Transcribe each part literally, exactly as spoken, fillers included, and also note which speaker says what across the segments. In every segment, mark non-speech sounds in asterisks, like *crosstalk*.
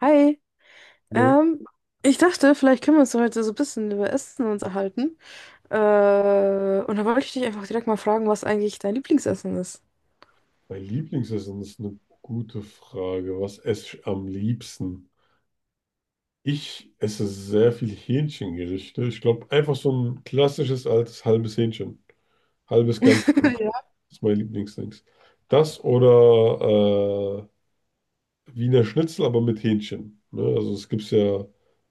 Speaker 1: Hi,
Speaker 2: Ne?
Speaker 1: ähm, ich dachte, vielleicht können wir uns heute so ein bisschen über Essen uns erhalten. Äh, und da wollte ich dich einfach direkt mal fragen, was eigentlich dein Lieblingsessen ist.
Speaker 2: Mein Lieblingsessen ist eine gute Frage. Was esse ich am liebsten? Ich esse sehr viel Hähnchengerichte. Ich glaube, einfach so ein klassisches altes halbes Hähnchen. Halbes Ganzes
Speaker 1: *laughs* Ja.
Speaker 2: ist mein Lieblingsding. Das oder äh, Wiener Schnitzel, aber mit Hähnchen. Ne? Also es gibt ja, ich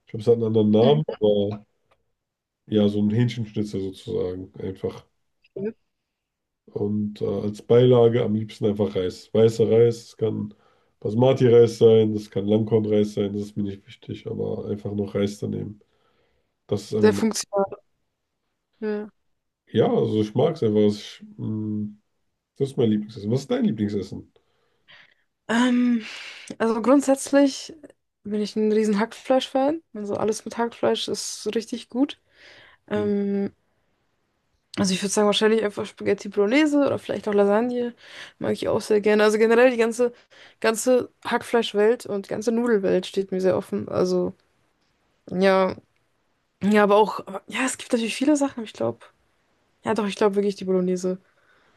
Speaker 2: glaube, es hat einen anderen
Speaker 1: Mhm.
Speaker 2: Namen, aber ja, so ein Hähnchenschnitzel sozusagen. Einfach. Und äh, als Beilage am liebsten einfach Reis. Weißer Reis, es kann Basmati-Reis sein, das kann Langkornreis sein, das ist mir nicht wichtig, aber einfach noch Reis daneben. Das ist
Speaker 1: Sehr
Speaker 2: einfach,
Speaker 1: funktional. Ja.
Speaker 2: ja, also ich mag es einfach. Ich, mh, das ist mein Lieblingsessen. Was ist dein Lieblingsessen?
Speaker 1: Ähm, also grundsätzlich bin ich ein riesen Hackfleisch-Fan. Also alles mit Hackfleisch ist richtig gut.
Speaker 2: Hm,
Speaker 1: Ähm, also ich würde sagen, wahrscheinlich einfach Spaghetti Bolognese oder vielleicht auch Lasagne. Mag ich auch sehr gerne. Also generell die ganze, ganze Hackfleischwelt und die ganze Nudelwelt steht mir sehr offen. Also. Ja, ja, aber auch, aber- ja, es gibt natürlich viele Sachen, aber ich glaube. Ja, doch, ich glaube wirklich die Bolognese.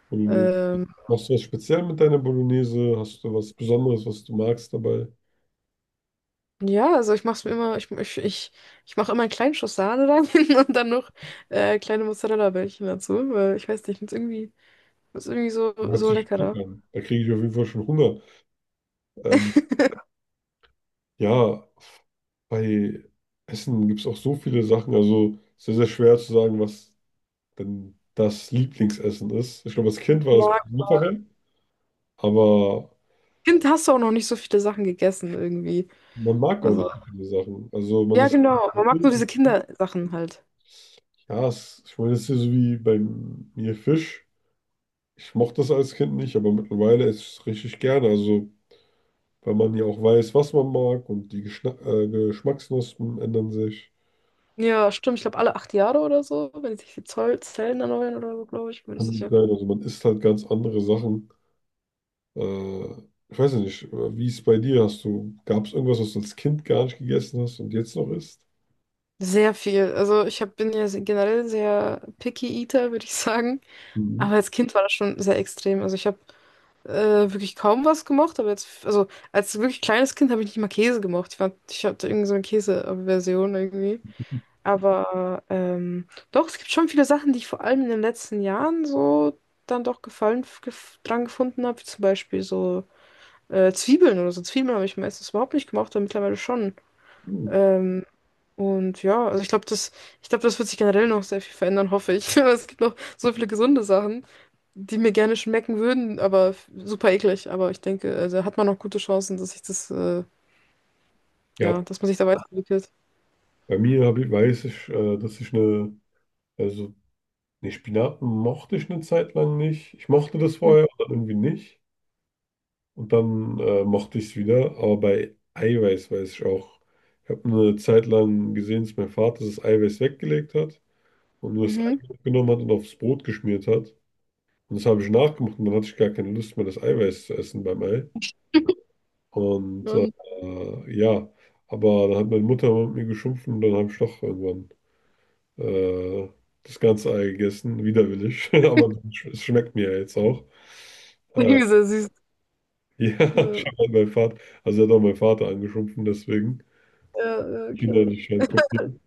Speaker 2: Bolognese.
Speaker 1: Ähm,
Speaker 2: Machst du was speziell mit deiner Bolognese? Hast du was Besonderes, was du magst dabei?
Speaker 1: ja, also ich mache mir immer, ich, ich, ich, ich mache immer einen kleinen Schuss Sahne rein *laughs* und dann noch äh, kleine Mozzarella-Bällchen dazu, weil ich weiß nicht, ich finde es irgendwie, find's irgendwie so,
Speaker 2: Hört
Speaker 1: so
Speaker 2: sich schick
Speaker 1: leckerer.
Speaker 2: an. Da kriege ich auf jeden Fall schon Hunger. Ähm, ja, bei Essen gibt es auch so viele Sachen. Also sehr, sehr schwer zu sagen, was denn das Lieblingsessen ist. Ich glaube, als Kind war das ein
Speaker 1: Ja,
Speaker 2: bisschen einfacher, aber
Speaker 1: Kind hast du auch noch nicht so viele Sachen gegessen irgendwie.
Speaker 2: man mag auch
Speaker 1: Also,
Speaker 2: nicht so viele Sachen. Also man
Speaker 1: ja,
Speaker 2: ist,
Speaker 1: genau, man mag nur diese Kindersachen halt.
Speaker 2: ja, es, ich meine, es ist ja so wie bei mir Fisch. Ich mochte das als Kind nicht, aber mittlerweile esse ich es richtig gerne. Also, weil man ja auch weiß, was man mag und die Geschna äh, Geschmacksknospen ändern sich.
Speaker 1: Ja, stimmt, ich glaube alle acht Jahre oder so, wenn sich die Zoll Zellen erneuern oder so, glaube ich, bin
Speaker 2: Kann
Speaker 1: ich
Speaker 2: gut
Speaker 1: sicher.
Speaker 2: sein. Also man isst halt ganz andere Sachen. Äh, Ich weiß ja nicht, äh, wie ist es bei dir? Hast du, gab es irgendwas, was du als Kind gar nicht gegessen hast und jetzt noch isst?
Speaker 1: Sehr viel. Also ich hab, bin ja se- generell sehr picky Eater, würde ich *laughs* sagen.
Speaker 2: Mhm.
Speaker 1: Aber als Kind war das schon sehr extrem. Also ich habe äh, wirklich kaum was gemocht, aber jetzt, also als wirklich kleines Kind habe ich nicht mal Käse gemocht. Ich fand, ich hatte irgendwie so eine Käseaversion irgendwie. Aber ähm, doch, es gibt schon viele Sachen, die ich vor allem in den letzten Jahren so dann doch Gefallen gef dran gefunden habe, wie zum Beispiel so äh, Zwiebeln oder so. Zwiebeln habe ich meistens überhaupt nicht gemocht, aber mittlerweile schon.
Speaker 2: Hm.
Speaker 1: Ähm, und ja, also ich glaube, das, ich glaube, das wird sich generell noch sehr viel verändern, hoffe ich. *laughs* Es gibt noch so viele gesunde Sachen, die mir gerne schmecken würden, aber f- super eklig. Aber ich denke, also hat man noch gute Chancen, dass sich das, äh,
Speaker 2: Ja,
Speaker 1: ja, dass man sich da weiterentwickelt.
Speaker 2: bei mir hab ich, weiß ich, äh, dass ich eine, also ne Spinaten mochte ich eine Zeit lang nicht. Ich mochte das vorher und dann irgendwie nicht. Und dann äh, mochte ich es wieder. Aber bei Eiweiß weiß ich auch. Ich habe eine Zeit lang gesehen, dass mein Vater das Eiweiß weggelegt hat und nur das Ei
Speaker 1: Mhm.
Speaker 2: genommen hat und aufs Brot geschmiert hat. Und das habe ich nachgemacht und dann hatte ich gar keine Lust mehr, das Eiweiß zu essen beim Ei. Und äh,
Speaker 1: Und
Speaker 2: ja, aber dann hat meine Mutter mit mir geschumpft und dann habe ich doch irgendwann äh, das ganze Ei gegessen, widerwillig, *laughs* aber sch- es schmeckt mir ja jetzt auch.
Speaker 1: *laughs*
Speaker 2: Äh,
Speaker 1: irgendwie sehr süß.
Speaker 2: ja,
Speaker 1: Ja,
Speaker 2: *laughs* schon mal mein Vater, also er hat auch mein Vater angeschumpfen, deswegen
Speaker 1: ja, ja,
Speaker 2: Kinder
Speaker 1: klar.
Speaker 2: nicht halt kopieren.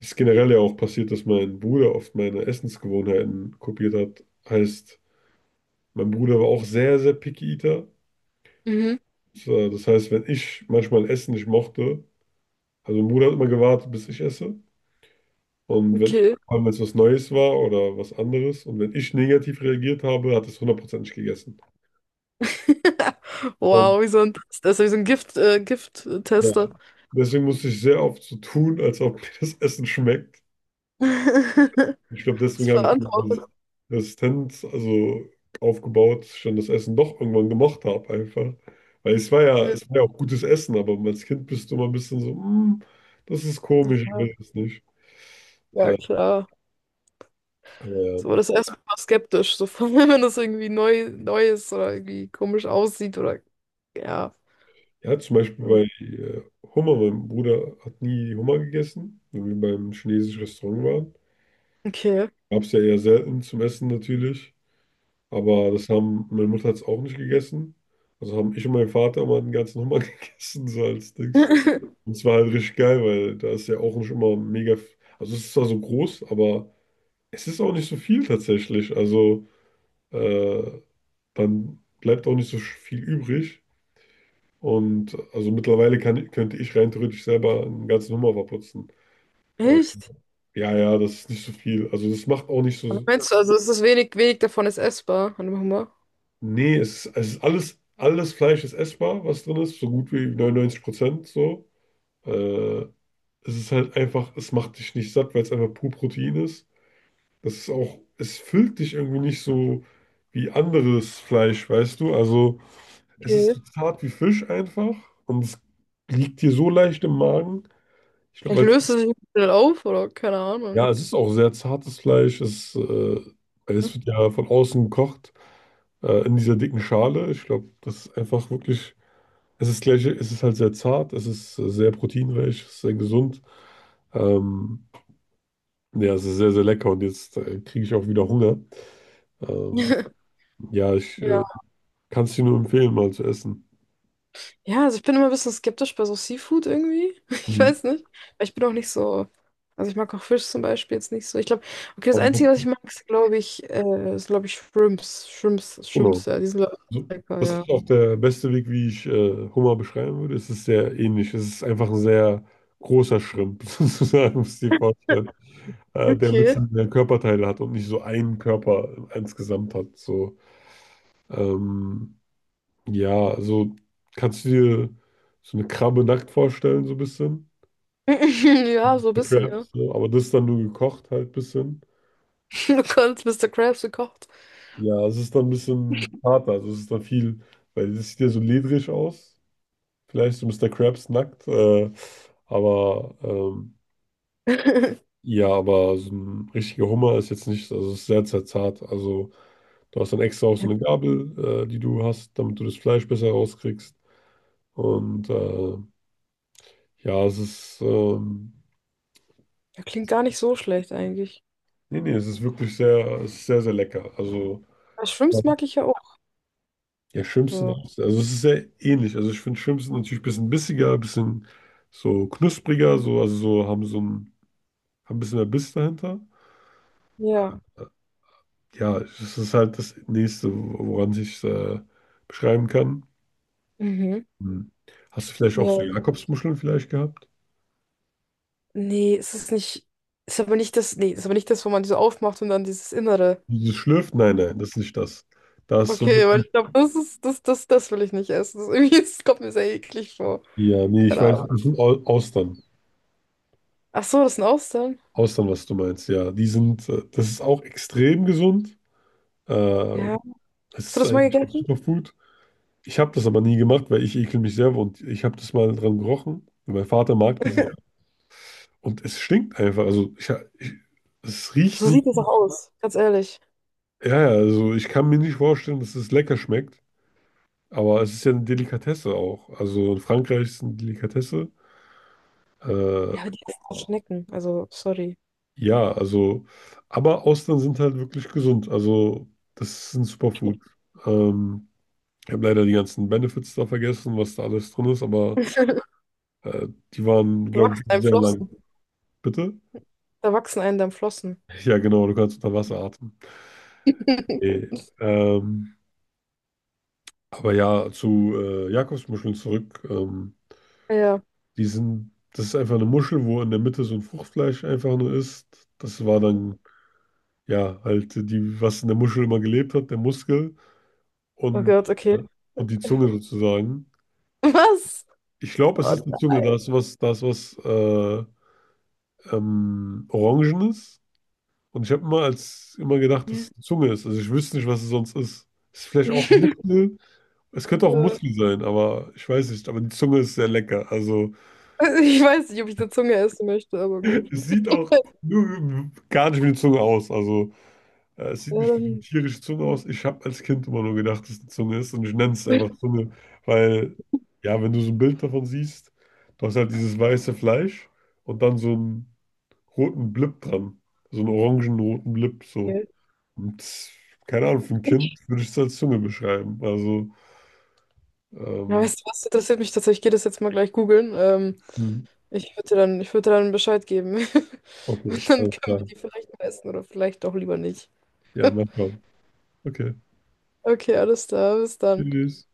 Speaker 2: Es ist generell ja auch passiert, dass mein Bruder oft meine Essensgewohnheiten kopiert hat. Heißt, mein Bruder war auch sehr, sehr picky Eater.
Speaker 1: Mhm,
Speaker 2: So, Das heißt, wenn ich manchmal Essen nicht mochte, also mein Bruder hat immer gewartet, bis ich esse. Und wenn
Speaker 1: okay.
Speaker 2: wenn es was Neues war oder was anderes und wenn ich negativ reagiert habe, hat es hundertprozentig gegessen.
Speaker 1: *laughs*
Speaker 2: Und
Speaker 1: Wow, wie so ein, das ist wie so ein Gift, äh,
Speaker 2: ja,
Speaker 1: Gift-Tester.
Speaker 2: deswegen musste ich sehr oft so tun, als ob *laughs* mir das Essen schmeckt.
Speaker 1: *laughs*
Speaker 2: Ich glaube,
Speaker 1: Das
Speaker 2: deswegen habe ich
Speaker 1: verantwortet.
Speaker 2: diese Resistenz also aufgebaut, dass ich dann das Essen doch irgendwann gemocht habe einfach. Weil es war ja,
Speaker 1: Ja,
Speaker 2: es war ja auch gutes Essen, aber als Kind bist du immer ein bisschen so, "Mm, das ist komisch, ich
Speaker 1: ja,
Speaker 2: will es nicht."
Speaker 1: ja,
Speaker 2: Äh,
Speaker 1: klar.
Speaker 2: aber ja.
Speaker 1: So war das erstmal skeptisch, so vor allem, *laughs* wenn das irgendwie neu, neu ist oder irgendwie komisch aussieht oder ja.
Speaker 2: Ja, zum Beispiel
Speaker 1: Hm.
Speaker 2: bei äh, Hummer. Mein Bruder hat nie Hummer gegessen, wenn wir beim chinesischen Restaurant waren.
Speaker 1: Okay.
Speaker 2: Gab es ja eher selten zum Essen natürlich. Aber das haben, meine Mutter hat es auch nicht gegessen. Also haben ich und mein Vater mal den ganzen Hummer *laughs* gegessen, so als Dings.
Speaker 1: *laughs*
Speaker 2: Und es war halt richtig geil, weil da ist ja auch nicht immer mega. f- Also es ist zwar so groß, aber es ist auch nicht so viel tatsächlich. Also äh, dann bleibt auch nicht so sch- viel übrig. Und also mittlerweile kann, könnte ich rein theoretisch selber einen ganzen Hummer verputzen. Also,
Speaker 1: Echt?
Speaker 2: ja, ja, das ist nicht so viel. Also das macht auch nicht
Speaker 1: Aber
Speaker 2: so.
Speaker 1: meinst du, also es ist wenig, wenig davon ist essbar. Warte mal.
Speaker 2: Nee, es ist, es ist alles, alles Fleisch ist essbar, was drin ist, so gut wie neunundneunzig Prozent so. Äh, Es ist halt einfach, es macht dich nicht satt, weil es einfach pur Protein ist. Das ist auch, es füllt dich irgendwie nicht so wie anderes Fleisch, weißt du? Also es ist
Speaker 1: Okay.
Speaker 2: so zart wie Fisch einfach und es liegt dir so leicht im Magen. Ich glaube,
Speaker 1: Vielleicht
Speaker 2: weil
Speaker 1: löst es sich schnell auf oder keine
Speaker 2: ja,
Speaker 1: Ahnung.
Speaker 2: es ist auch sehr zartes Fleisch. Es, äh, es wird ja von außen gekocht, äh, in dieser dicken Schale. Ich glaube, das ist einfach wirklich. Es ist gleich, es ist halt sehr zart, es ist äh, sehr proteinreich, es ist sehr gesund. Ähm, ja, es ist sehr, sehr lecker und jetzt äh, kriege ich auch wieder Hunger. Ähm,
Speaker 1: *laughs*
Speaker 2: ja, ich
Speaker 1: Ja.
Speaker 2: äh, kann es dir nur empfehlen, mal zu essen.
Speaker 1: Ja, also ich bin immer ein bisschen skeptisch bei so Seafood irgendwie. *laughs* Ich
Speaker 2: Mhm.
Speaker 1: weiß nicht. Weil ich bin auch nicht so. Also ich mag auch Fisch zum Beispiel jetzt nicht so. Ich glaube, okay, das
Speaker 2: Aber-
Speaker 1: Einzige, was ich mag, ist, glaube ich, äh, ist, glaube ich, Shrimps. Shrimps,
Speaker 2: Genau.
Speaker 1: Shrimps, ja, die sind, glaube ich,
Speaker 2: So,
Speaker 1: lecker,
Speaker 2: das
Speaker 1: ja.
Speaker 2: ist auch der beste Weg, wie ich äh, Hummer beschreiben würde. Es ist sehr ähnlich. Es ist einfach ein sehr großer Schrimp, *laughs* sozusagen, muss ich dir vorstellen. Äh, der ein
Speaker 1: Okay.
Speaker 2: bisschen mehr Körperteile hat und nicht so einen Körper insgesamt hat. So, ähm, ja, also kannst du dir so eine Krabbe nackt vorstellen, so ein bisschen.
Speaker 1: *laughs* Ja, so ein
Speaker 2: Eine
Speaker 1: bisschen, ja.
Speaker 2: Crabs, so, aber das ist dann nur gekocht halt ein bisschen.
Speaker 1: *laughs* Du kannst Mister Krabs gekocht.
Speaker 2: Ja, es ist dann ein bisschen harter, also es ist dann viel, weil das sieht ja so ledrig aus. Vielleicht so Mister Krabs nackt, äh, aber ähm,
Speaker 1: *laughs*
Speaker 2: ja, aber so ein richtiger Hummer ist jetzt nicht, also ist sehr, sehr zart. Also du hast dann extra auch so
Speaker 1: Ja,
Speaker 2: eine Gabel, äh, die du hast, damit du das Fleisch besser rauskriegst. Und äh, ja, es ist, ähm,
Speaker 1: das klingt gar nicht so schlecht eigentlich.
Speaker 2: nee, nee, es ist wirklich sehr, es ist sehr, sehr lecker. Also
Speaker 1: Aber Shrimps mag ich ja auch.
Speaker 2: ja, Schrimps sind
Speaker 1: So.
Speaker 2: auch, also es ist sehr ähnlich. Also ich finde Schrimps sind natürlich ein bisschen bissiger, ein bisschen so knuspriger, so, also so haben so ein, haben ein bisschen mehr Biss dahinter.
Speaker 1: Ja.
Speaker 2: Ja, das ist halt das Nächste, woran ich äh, beschreiben kann.
Speaker 1: Mhm.
Speaker 2: Hm. Hast du vielleicht auch so
Speaker 1: Ja.
Speaker 2: Jakobsmuscheln vielleicht gehabt?
Speaker 1: Nee, es ist nicht. Ist aber nicht das. Nee, ist aber nicht das, wo man die so aufmacht und dann dieses Innere.
Speaker 2: Dieses Schlürfen? Nein, nein, das ist nicht das. Da ist so
Speaker 1: Okay, aber
Speaker 2: wirklich,
Speaker 1: ich glaube, das ist, das, das, das will ich nicht essen. Das ist irgendwie, das kommt mir sehr eklig vor.
Speaker 2: ja, nee, ich
Speaker 1: Keine Ahnung.
Speaker 2: weiß, das sind Au- Austern.
Speaker 1: Ach so, das sind Austern.
Speaker 2: Austern, was du meinst, ja. Die sind, äh, das ist auch extrem gesund. Äh,
Speaker 1: Ja.
Speaker 2: Es
Speaker 1: Hast du
Speaker 2: ist
Speaker 1: das mal
Speaker 2: eigentlich ein
Speaker 1: gegessen?
Speaker 2: Superfood. Ich habe das aber nie gemacht, weil ich ekel mich selber und ich habe das mal dran gerochen. Mein Vater mag diese
Speaker 1: *laughs*
Speaker 2: und es stinkt einfach. Also ich, ich, es riecht
Speaker 1: So
Speaker 2: nicht.
Speaker 1: sieht das auch aus, ganz ehrlich.
Speaker 2: Ja, ja, also ich kann mir nicht vorstellen, dass es lecker schmeckt, aber es ist ja eine Delikatesse auch. Also in Frankreich ist es eine Delikatesse. Äh,
Speaker 1: Ja, aber die essen auch Schnecken, also sorry.
Speaker 2: ja, also, aber Austern sind halt wirklich gesund. Also das ist ein Superfood. Ähm, Ich habe leider die ganzen Benefits da vergessen, was da alles drin ist, aber
Speaker 1: *laughs*
Speaker 2: äh, die waren,
Speaker 1: Da
Speaker 2: glaube ich,
Speaker 1: wachsen einem
Speaker 2: sehr lang.
Speaker 1: Flossen.
Speaker 2: Bitte?
Speaker 1: Da wachsen einem dann Flossen.
Speaker 2: Ja, genau, du kannst unter Wasser atmen.
Speaker 1: *laughs*
Speaker 2: Nee, ähm, aber ja, zu äh, Jakobsmuscheln zurück. Ähm,
Speaker 1: Ja.
Speaker 2: Die sind, das ist einfach eine Muschel, wo in der Mitte so ein Fruchtfleisch einfach nur ist. Das war dann, ja, halt die, was in der Muschel immer gelebt hat, der Muskel
Speaker 1: Oh
Speaker 2: und,
Speaker 1: Gott, okay.
Speaker 2: äh, und die Zunge sozusagen.
Speaker 1: Was?
Speaker 2: Ich glaube, es
Speaker 1: Oh
Speaker 2: ist die Zunge, da ist was, da ist was äh, ähm, Orangenes. Und ich habe immer als immer gedacht, dass
Speaker 1: nein.
Speaker 2: es die Zunge ist. Also ich wüsste nicht, was es sonst ist. Ist vielleicht auch ein
Speaker 1: *laughs*
Speaker 2: Muskel. Es könnte auch ein
Speaker 1: Ja.
Speaker 2: Muskel sein, aber ich weiß nicht. Aber die Zunge ist sehr lecker. Also
Speaker 1: Also ich weiß nicht, ob ich eine Zunge essen möchte, aber gut.
Speaker 2: es sieht auch äh, gar nicht wie eine Zunge aus. Also, Ja, es sieht
Speaker 1: Ja,
Speaker 2: nicht wie eine
Speaker 1: dann.
Speaker 2: tierische Zunge aus. Ich habe als Kind immer nur gedacht, dass es eine Zunge ist und ich nenne es einfach Zunge, weil, ja, wenn du so ein Bild davon siehst, du hast halt dieses weiße Fleisch und dann so einen roten Blip dran. So einen orangen-roten Blip, so.
Speaker 1: Okay.
Speaker 2: Und keine Ahnung, für ein Kind würde ich es als Zunge beschreiben. Also,
Speaker 1: Ja,
Speaker 2: ähm,
Speaker 1: weißt du was, interessiert mich tatsächlich. Ich gehe das jetzt mal gleich googeln. Ähm,
Speaker 2: hm,
Speaker 1: Ich würde dann, ich würde dann Bescheid geben. *laughs*
Speaker 2: okay,
Speaker 1: Und dann
Speaker 2: alles
Speaker 1: können wir
Speaker 2: klar.
Speaker 1: die vielleicht mal essen oder vielleicht auch lieber nicht.
Speaker 2: Ja, mal schauen. Okay,
Speaker 1: Okay, alles klar, bis dann.
Speaker 2: tschüss.